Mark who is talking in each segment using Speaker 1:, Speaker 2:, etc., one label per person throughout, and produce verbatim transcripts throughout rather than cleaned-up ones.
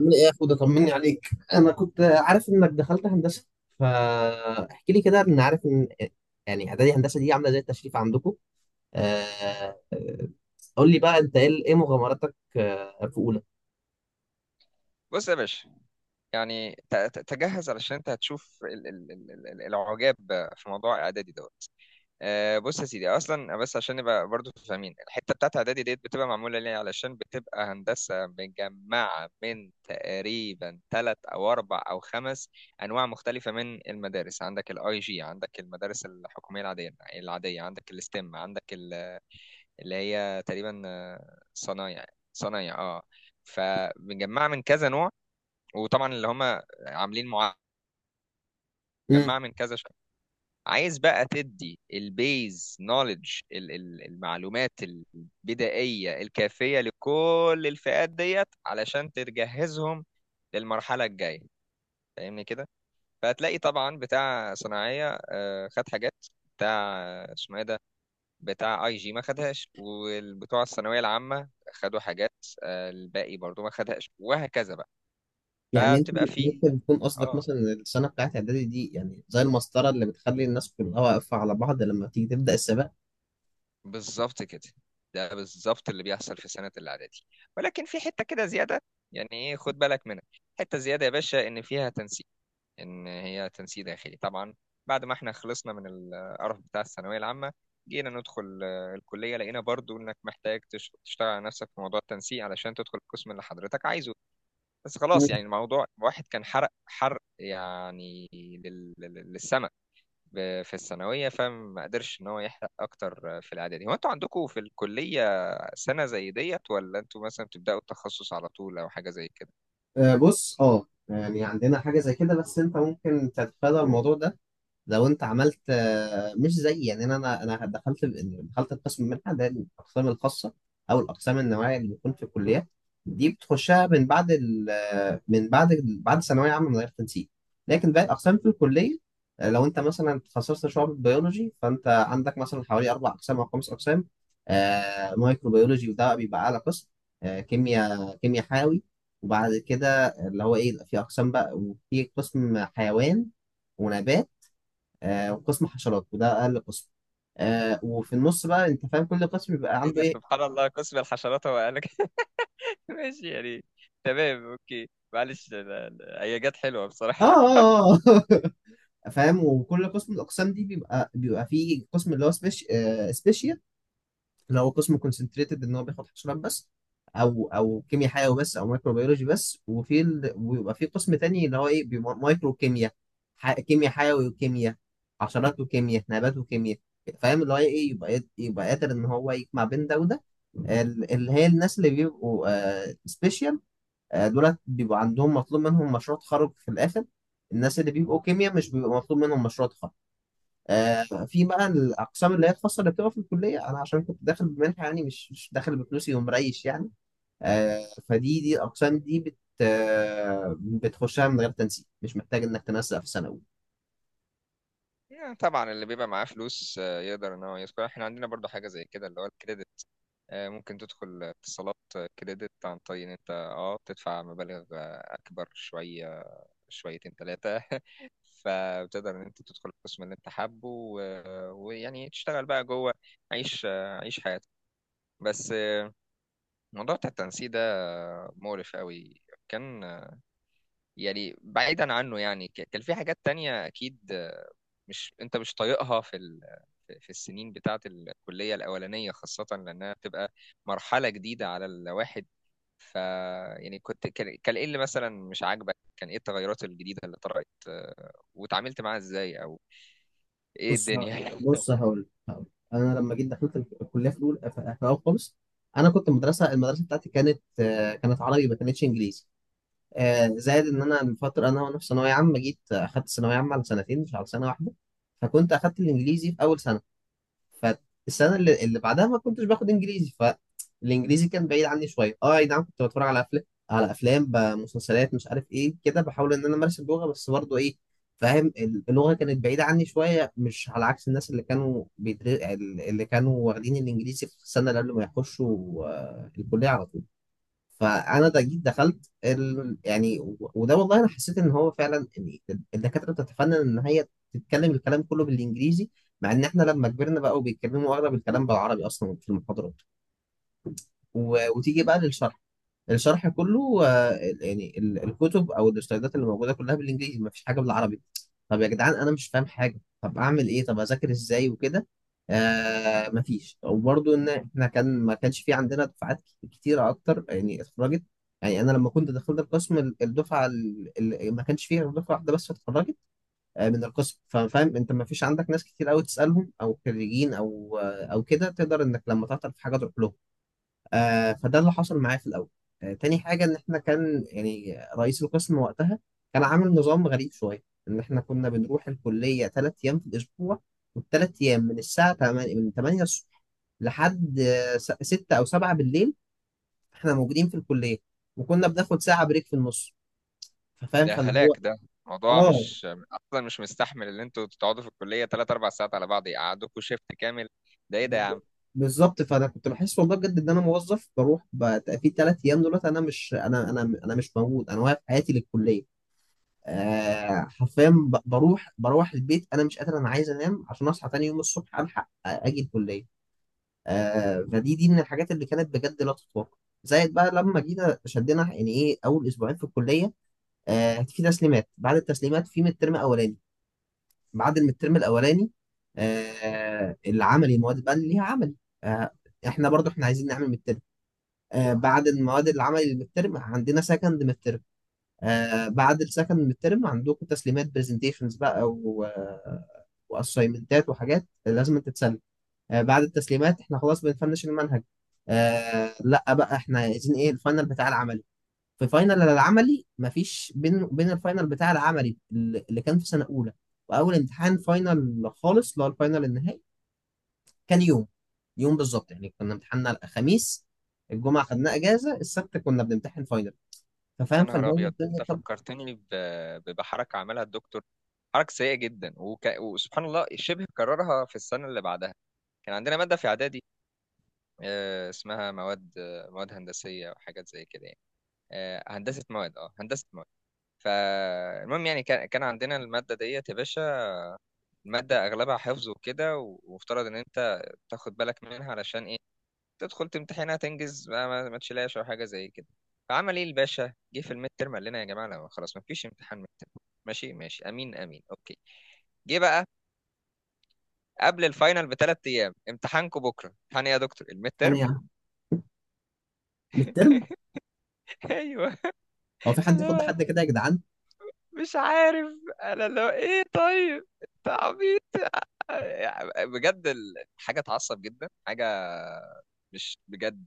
Speaker 1: عامل ايه يا اخو ده؟ طمني عليك. انا كنت عارف انك دخلت هندسه، فاحكي لي كده. ان عارف ان يعني اعدادي هندسه دي عامله زي التشريف عندكم؟ آه، آه، قول لي بقى انت ايه ايه مغامراتك آه، في اولى.
Speaker 2: بص يا باشا، يعني ت- ت- تجهز علشان انت هتشوف ال- ال- ال- ال- العجاب في موضوع اعدادي دوت. آه، بص يا سيدي، اصلا بس عشان نبقى برضو فاهمين الحته بتاعت اعدادي ديت بتبقى معموله ليه، علشان بتبقى هندسه مجمعه من تقريبا ثلاث او اربع او خمس انواع مختلفه من المدارس. عندك الاي جي، عندك المدارس الحكوميه العاديه العاديه، عندك الاستم، عندك ال- اللي هي تقريبا آه، صنايع. صنايع، اه. فمجمعه من كذا نوع، وطبعا اللي هم عاملين مع-
Speaker 1: امم
Speaker 2: مجمعة من كذا شخص. عايز بقى تدي البيز نولج، المعلومات البدائية الكافية لكل الفئات ديت علشان تجهزهم للمرحلة الجاية، فاهمني كده؟ فهتلاقي طبعا بتاع صناعية آه، خد حاجات بتاع آه، اسمه ايه ده بتاع اي جي ما خدهاش، والبتوع الثانوية العامة خدوا حاجات آه، الباقي برضو ما خدهاش، وهكذا بقى.
Speaker 1: يعني انت
Speaker 2: فبتبقى في.
Speaker 1: ممكن يكون قصدك
Speaker 2: اه،
Speaker 1: مثلا إن السنه بتاعت اعدادي دي يعني زي المسطره اللي بتخلي الناس كلها واقفه على بعض لما تيجي تبدا السباق.
Speaker 2: بالظبط كده. ده بالظبط اللي بيحصل في سنة الإعدادي، ولكن في حتة كده زيادة، يعني إيه خد بالك منها. حتة زيادة يا باشا إن فيها تنسيق، إن هي تنسيق داخلي طبعا. بعد ما إحنا خلصنا من القرف بتاع الثانوية العامة، جينا ندخل آه، الكلية، لقينا برضو إنك محتاج تش- تشتغل على نفسك في موضوع التنسيق علشان تدخل القسم اللي حضرتك عايزه. بس
Speaker 1: مم.
Speaker 2: خلاص يعني الموضوع واحد، كان حرق حرق يعني لل- لل- للسما ب- في الثانوية، فما قدرش إن هو يحرق أكتر في الإعدادي. هو أنتوا عندكم في الكلية سنة زي ديت، ولا أنتوا مثلا بتبدأوا التخصص على طول أو حاجة زي كده؟
Speaker 1: آه، بص، اه يعني عندنا حاجه زي كده، بس انت ممكن تتفادى الموضوع ده لو انت عملت، آه، مش زي، يعني انا انا أنا دخلت دخلت القسم منحه. ده الاقسام الخاصه او الاقسام النوعيه اللي بيكون في الكليات، دي بتخشها من بعد ال آه، من بعد ال- بعد ثانويه عامه من غير تنسيق. لكن باقي الاقسام في الكليه، آه، لو انت مثلا اتخصصت شعب بيولوجي، فانت عندك مثلا حوالي اربع اقسام او خمس اقسام. آه، مايكروبيولوجي، وده بقى بيبقى اعلى قسم. آه، كيمياء كيمياء حيوي. وبعد كده اللي هو ايه، في اقسام بقى، وفي قسم حيوان ونبات. آه، وقسم حشرات، وده اقل قسم. آه، وفي النص بقى انت فاهم كل قسم بيبقى
Speaker 2: إيه
Speaker 1: عنده
Speaker 2: ده،
Speaker 1: ايه.
Speaker 2: سبحان الله، قسم الحشرات هو قال لك؟ ماشي يعني. تمام، أوكي، معلش، أنا- أنا- هي جت حلوة
Speaker 1: اه،
Speaker 2: بصراحة.
Speaker 1: اه، اه. فاهم؟ وكل قسم من الاقسام دي بيبقى بيبقى فيه قسم اللي هو سبيش آه سبيشال، لو هو قسم كونسنتريتد ان هو بياخد حشرات بس، او او كيمياء حيوي بس او مايكروبيولوجي بس. وفي ال... ويبقى في قسم تاني اللي هو ايه، بيبقى مايكرو كيمياء، ح... كيمياء حيوي وكيمياء حشرات وكيمياء نبات وكيمياء. فاهم اللي هو ايه؟ يبقى يبقى قادر ان هو يجمع بين ده وده. ال- اللي هي الناس اللي بيبقوا سبيشال دولت، بيبقى عندهم مطلوب منهم مشروع تخرج في الاخر. الناس اللي بيبقوا كيمياء مش بيبقى مطلوب منهم مشروع تخرج. آه، في بقى الاقسام اللي هي الخاصه اللي بتبقى في الكليه، انا عشان كنت داخل بمنحه، يعني مش مش داخل بفلوسي ومريش يعني. آه، فدي دي الاقسام دي بت آه، بتخشها من غير تنسيق، مش محتاج انك تنسق في سنه اولى.
Speaker 2: يعني طبعا اللي بيبقى معاه فلوس آه، يقدر ان هو يدخل. احنا عندنا برضو حاجه زي كده، اللي هو الكريدت. آه، ممكن تدخل اتصالات آه، كريدت عن طريق ان انت اه تدفع مبالغ آه، اكبر شويه، شويتين ثلاثه فبتقدر ان انت تدخل القسم اللي انت حابه، و- ويعني تشتغل بقى جوه، عيش آه، عيش حياتك. بس آه، موضوع بتاع التنسيق ده آه، مقرف قوي. كان آه، يعني بعيدا عنه، يعني ك- كان في حاجات تانية اكيد مش انت مش طايقها في ال... في السنين بتاعه الكليه الاولانيه، خاصه لانها بتبقى مرحله جديده على الواحد. ف، يعني كنت، كان كان ايه اللي مثلا مش عاجبك، كان ايه التغيرات الجديده اللي طرأت آه، وتعاملت معاها ازاي، او ايه
Speaker 1: بص ه-
Speaker 2: الدنيا؟
Speaker 1: بص هقول هقول انا لما جيت دخلت الكليه في الاول، في في اول خالص انا كنت مدرسه، المدرسه بتاعتي كانت آه، كانت عربي، ما كانتش انجليزي. آه، زائد ان انا من فتره، انا وانا في ثانويه عامه جيت اخدت ثانويه عامه على سنتين، مش على سنه واحده. فكنت اخدت الانجليزي في اول سنه، فالسنه اللي, اللي بعدها ما كنتش باخد انجليزي. فالانجليزي كان بعيد عني شويه. اه، اي نعم، كنت بتفرج على افلام، على افلام بمسلسلات، مش عارف ايه كده، بحاول ان انا امارس اللغه، بس برضه ايه، فاهم؟ اللغه كانت بعيده عني شويه، مش على عكس الناس اللي كانوا بيدر... اللي كانوا واخدين الانجليزي في السنه اللي قبل ما يخشوا آه، الكليه على طول. فانا ده جيت دخلت ال... يعني و- وده والله انا حسيت ان هو فعلا إن الدكاتره بتتفنن ان هي تتكلم الكلام كله بالانجليزي، مع ان احنا لما كبرنا بقى وبيتكلموا اغلب الكلام بالعربي اصلا في المحاضرات. و... وتيجي بقى للشرح، الشرح كله آه، يعني ال- الكتب او الاستعدادات اللي موجوده كلها بالانجليزي، ما فيش حاجه بالعربي. طب يا جدعان انا مش فاهم حاجه، طب اعمل ايه؟ طب اذاكر ازاي وكده؟ آه ما فيش. وبرضه ان احنا كان ما كانش في عندنا دفعات ك- كتيره اكتر يعني اتخرجت. يعني انا لما كنت دخلت القسم، ال- الدفعه اللي ما كانش فيها غير دفعه واحده بس اتخرجت آه، من القسم. ففاهم انت، ما فيش عندك ناس كتير قوي تسالهم، او خريجين او آه، او كده، تقدر انك لما تعطل في حاجه تروح لهم. آه، فده اللي حصل معايا في الاول. آه، تاني حاجه، ان احنا كان يعني رئيس القسم وقتها كان عامل نظام غريب شويه ان احنا كنا بنروح الكليه ثلاث ايام في الاسبوع، والثلاث ايام من الساعه تمانية، من تمانية الصبح لحد آه، س- ستة او سبعة بالليل احنا موجودين في الكليه، وكنا بناخد ساعه بريك في النص. فاهم؟
Speaker 2: ده
Speaker 1: فاللي هو
Speaker 2: هلاك ده. موضوع
Speaker 1: اه،
Speaker 2: مش، اصلا مش مستحمل ان انتوا تقعدوا في الكليه ثلاث اربع ساعات على بعض، يقعدوكوا شيفت كامل. ده ايه ده يا
Speaker 1: ب-
Speaker 2: عم؟
Speaker 1: بالظبط. فانا كنت بحس والله بجد ان انا موظف، بروح ب- في ثلاث ايام دولت، انا مش انا انا انا مش موجود، انا واقف حياتي للكليه. آه حرفيا، ب- بروح بروح البيت انا مش قادر، انا عايز انام عشان اصحى تاني يوم الصبح الحق آه، اجي الكليه. آه، فدي دي من الحاجات اللي كانت بجد لا تتوقع. زائد بقى لما جينا شدينا يعني ايه، اول اسبوعين في الكليه، آه، في تسليمات. بعد التسليمات في مترم اولاني. بعد المترم الاولاني، آه، العملي، المواد بقى اللي ليها عملي. آه، احنا برضو احنا عايزين نعمل مترم. آه، بعد المواد العملي اللي بالترم عندنا سكند مترم. آه، بعد السكند الترم عندكم تسليمات، برزنتيشنز بقى، و واسايمنتات وحاجات لازم تتسلم. آه، بعد التسليمات احنا خلاص بنفنش المنهج. آه، لا بقى احنا عايزين ايه الفاينل بتاع العملي. في فاينل العملي، مفيش بين بين الفاينل بتاع العملي اللي اللي كان في سنة أولى وأول امتحان فاينل خالص اللي هو الفاينل النهائي، كان يوم يوم بالظبط. يعني كنا امتحاننا الخميس، الجمعة خدنا أجازة، السبت كنا بنمتحن فاينل.
Speaker 2: يا
Speaker 1: ففاهم،
Speaker 2: نهار
Speaker 1: فاللي هو
Speaker 2: ابيض، انت
Speaker 1: الدنيا. طب
Speaker 2: فكرتني ب- ب- بحركه عملها الدكتور. حركه سيئه جدا، وك... وسبحان الله شبه كررها في السنه اللي بعدها. كان عندنا ماده في اعدادي آه، اسمها مواد آه، مواد هندسيه وحاجات زي كده يعني آه، هندسه مواد. اه، هندسه مواد. فالمهم، يعني كان كان عندنا الماده ديت يا باشا. الماده اغلبها حفظ وكده، و- ومفترض ان انت تاخد بالك منها علشان ايه، تدخل تمتحنها تنجز، ما, ما, ما تشيلهاش او حاجه زي كده. فعمل ايه الباشا؟ جه في الميد ترم قال لنا يا جماعه لا خلاص ما فيش امتحان ميد ترم. ماشي ماشي، امين امين، اوكي. جه بقى قبل الفاينل بثلاث ايام: امتحانكم بكره. امتحان ايه يا دكتور؟ الميد
Speaker 1: أنا
Speaker 2: ترم.
Speaker 1: يعني من،
Speaker 2: ايوه.
Speaker 1: هو في حد
Speaker 2: اللي
Speaker 1: يخض
Speaker 2: هو،
Speaker 1: حد كده يا جدعان؟
Speaker 2: مش عارف، انا اللي هو ايه، طيب انت عبيط. يعني بجد ال- حاجه تعصب جدا، حاجه مش بجد،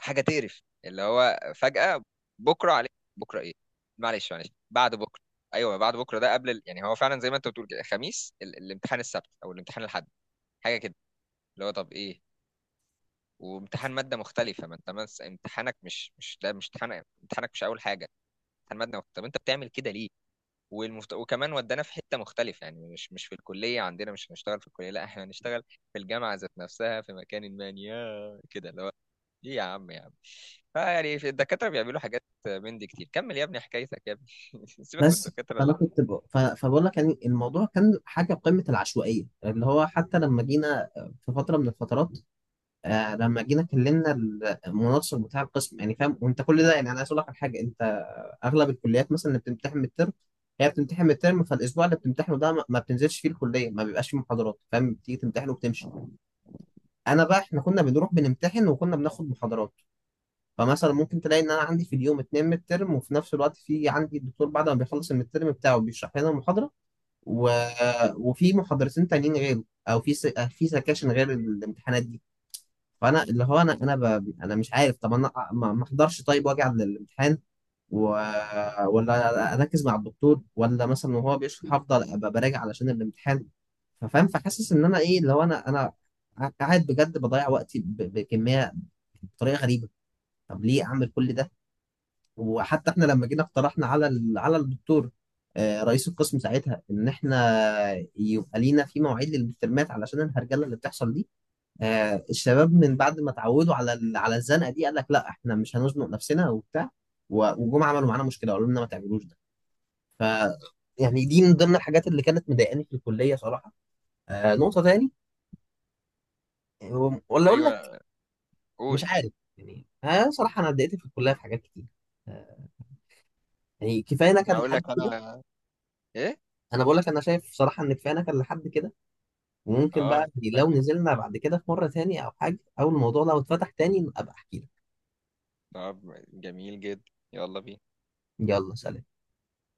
Speaker 2: حاجه تقرف، اللي هو فجاه بكره عليك. بكره؟ ايه، معلش معلش بعد بكره. ايوه بعد بكره ده، قبل ال... يعني هو فعلا زي ما انت بتقول كده، خميس ال... الامتحان السبت او الامتحان الاحد، حاجه كده. اللي هو طب ايه، وامتحان ماده مختلفه. ما انت مس... امتحانك مش مش ده، مش امتحان، امتحانك مش اول حاجه، امتحان ماده مختلفه. طب انت بتعمل كده ليه؟ والمفت... وكمان ودانا في حته مختلفه، يعني مش مش في الكليه، عندنا مش هنشتغل في الكليه، لا احنا هنشتغل في الجامعه ذات نفسها في مكان ما يا كده. اللي هو ايه يا عم يا عم؟ فيعني في الدكاتره بيعملوا حاجات من دي كتير. كمل يا ابني حكايتك يا ابني. سيبك من
Speaker 1: بس،
Speaker 2: الدكاتره
Speaker 1: فانا
Speaker 2: اللي.
Speaker 1: كنت ب... ف... فبقول لك يعني الموضوع كان حاجه قمه العشوائيه، اللي هو حتى لما جينا في فتره من الفترات، آه، لما جينا كلمنا المناصر بتاع القسم. يعني فاهم وانت كل ده، يعني انا عايز اقول لك على حاجه انت: اغلب الكليات مثلا اللي بتمتحن الترم هي بتمتحن من الترم، فالاسبوع اللي بتمتحنه ده ما ما بتنزلش فيه الكليه، ما بيبقاش فيه محاضرات، فاهم؟ بتيجي تمتحن وبتمشي. انا بقى احنا كنا بنروح بنمتحن، وكنا بناخد محاضرات. فمثلا ممكن تلاقي ان انا عندي في اليوم اتنين ميد ترم، وفي نفس الوقت في عندي الدكتور بعد ما بيخلص الميد ترم بتاعه بيشرح لنا محاضره، و... وفي محاضرتين تانيين غيره، او في س... في سكاشن غير الامتحانات دي. فانا اللي هو انا انا ب... انا مش عارف. طب انا ما ما احضرش طيب واجي على الامتحان، و... ولا اركز مع الدكتور ولا مثلا وهو بيشرح افضل ابقى براجع علشان الامتحان؟ فاهم؟ فحاسس ان انا ايه اللي هو انا انا قاعد بجد بضيع وقتي ب... بكميه، بطريقه غريبه. طب ليه اعمل كل ده؟ وحتى احنا لما جينا اقترحنا على ال- على الدكتور، آه، رئيس القسم ساعتها، ان احنا يبقى لينا في مواعيد للمترمات علشان الهرجله اللي بتحصل دي. آه، الشباب من بعد ما اتعودوا على ال- على الزنقه دي، قال لك لا احنا مش هنزنق نفسنا وبتاع، و- وجم عملوا معانا مشكله، قالوا لنا ما تعملوش ده. ف يعني دي من ضمن الحاجات اللي كانت مضايقاني في الكليه صراحه. آه، نقطه تاني، آه، ولا اقول لك؟
Speaker 2: ايوه،
Speaker 1: مش
Speaker 2: قول.
Speaker 1: عارف يعني، آه، صراحه انا اتضايقت في الكليه في حاجات كتير، آه، يعني كفايه نكد
Speaker 2: هقول
Speaker 1: لحد.
Speaker 2: لك انا، ايه؟
Speaker 1: انا بقول لك انا شايف بصراحه ان كفايه، كان لحد كده. وممكن
Speaker 2: اه.
Speaker 1: بقى لو نزلنا بعد كده في مره تاني او حاجه، او الموضوع لو اتفتح تاني ابقى احكي لك.
Speaker 2: طب جميل جدا، يلا بينا.
Speaker 1: يلا سلام.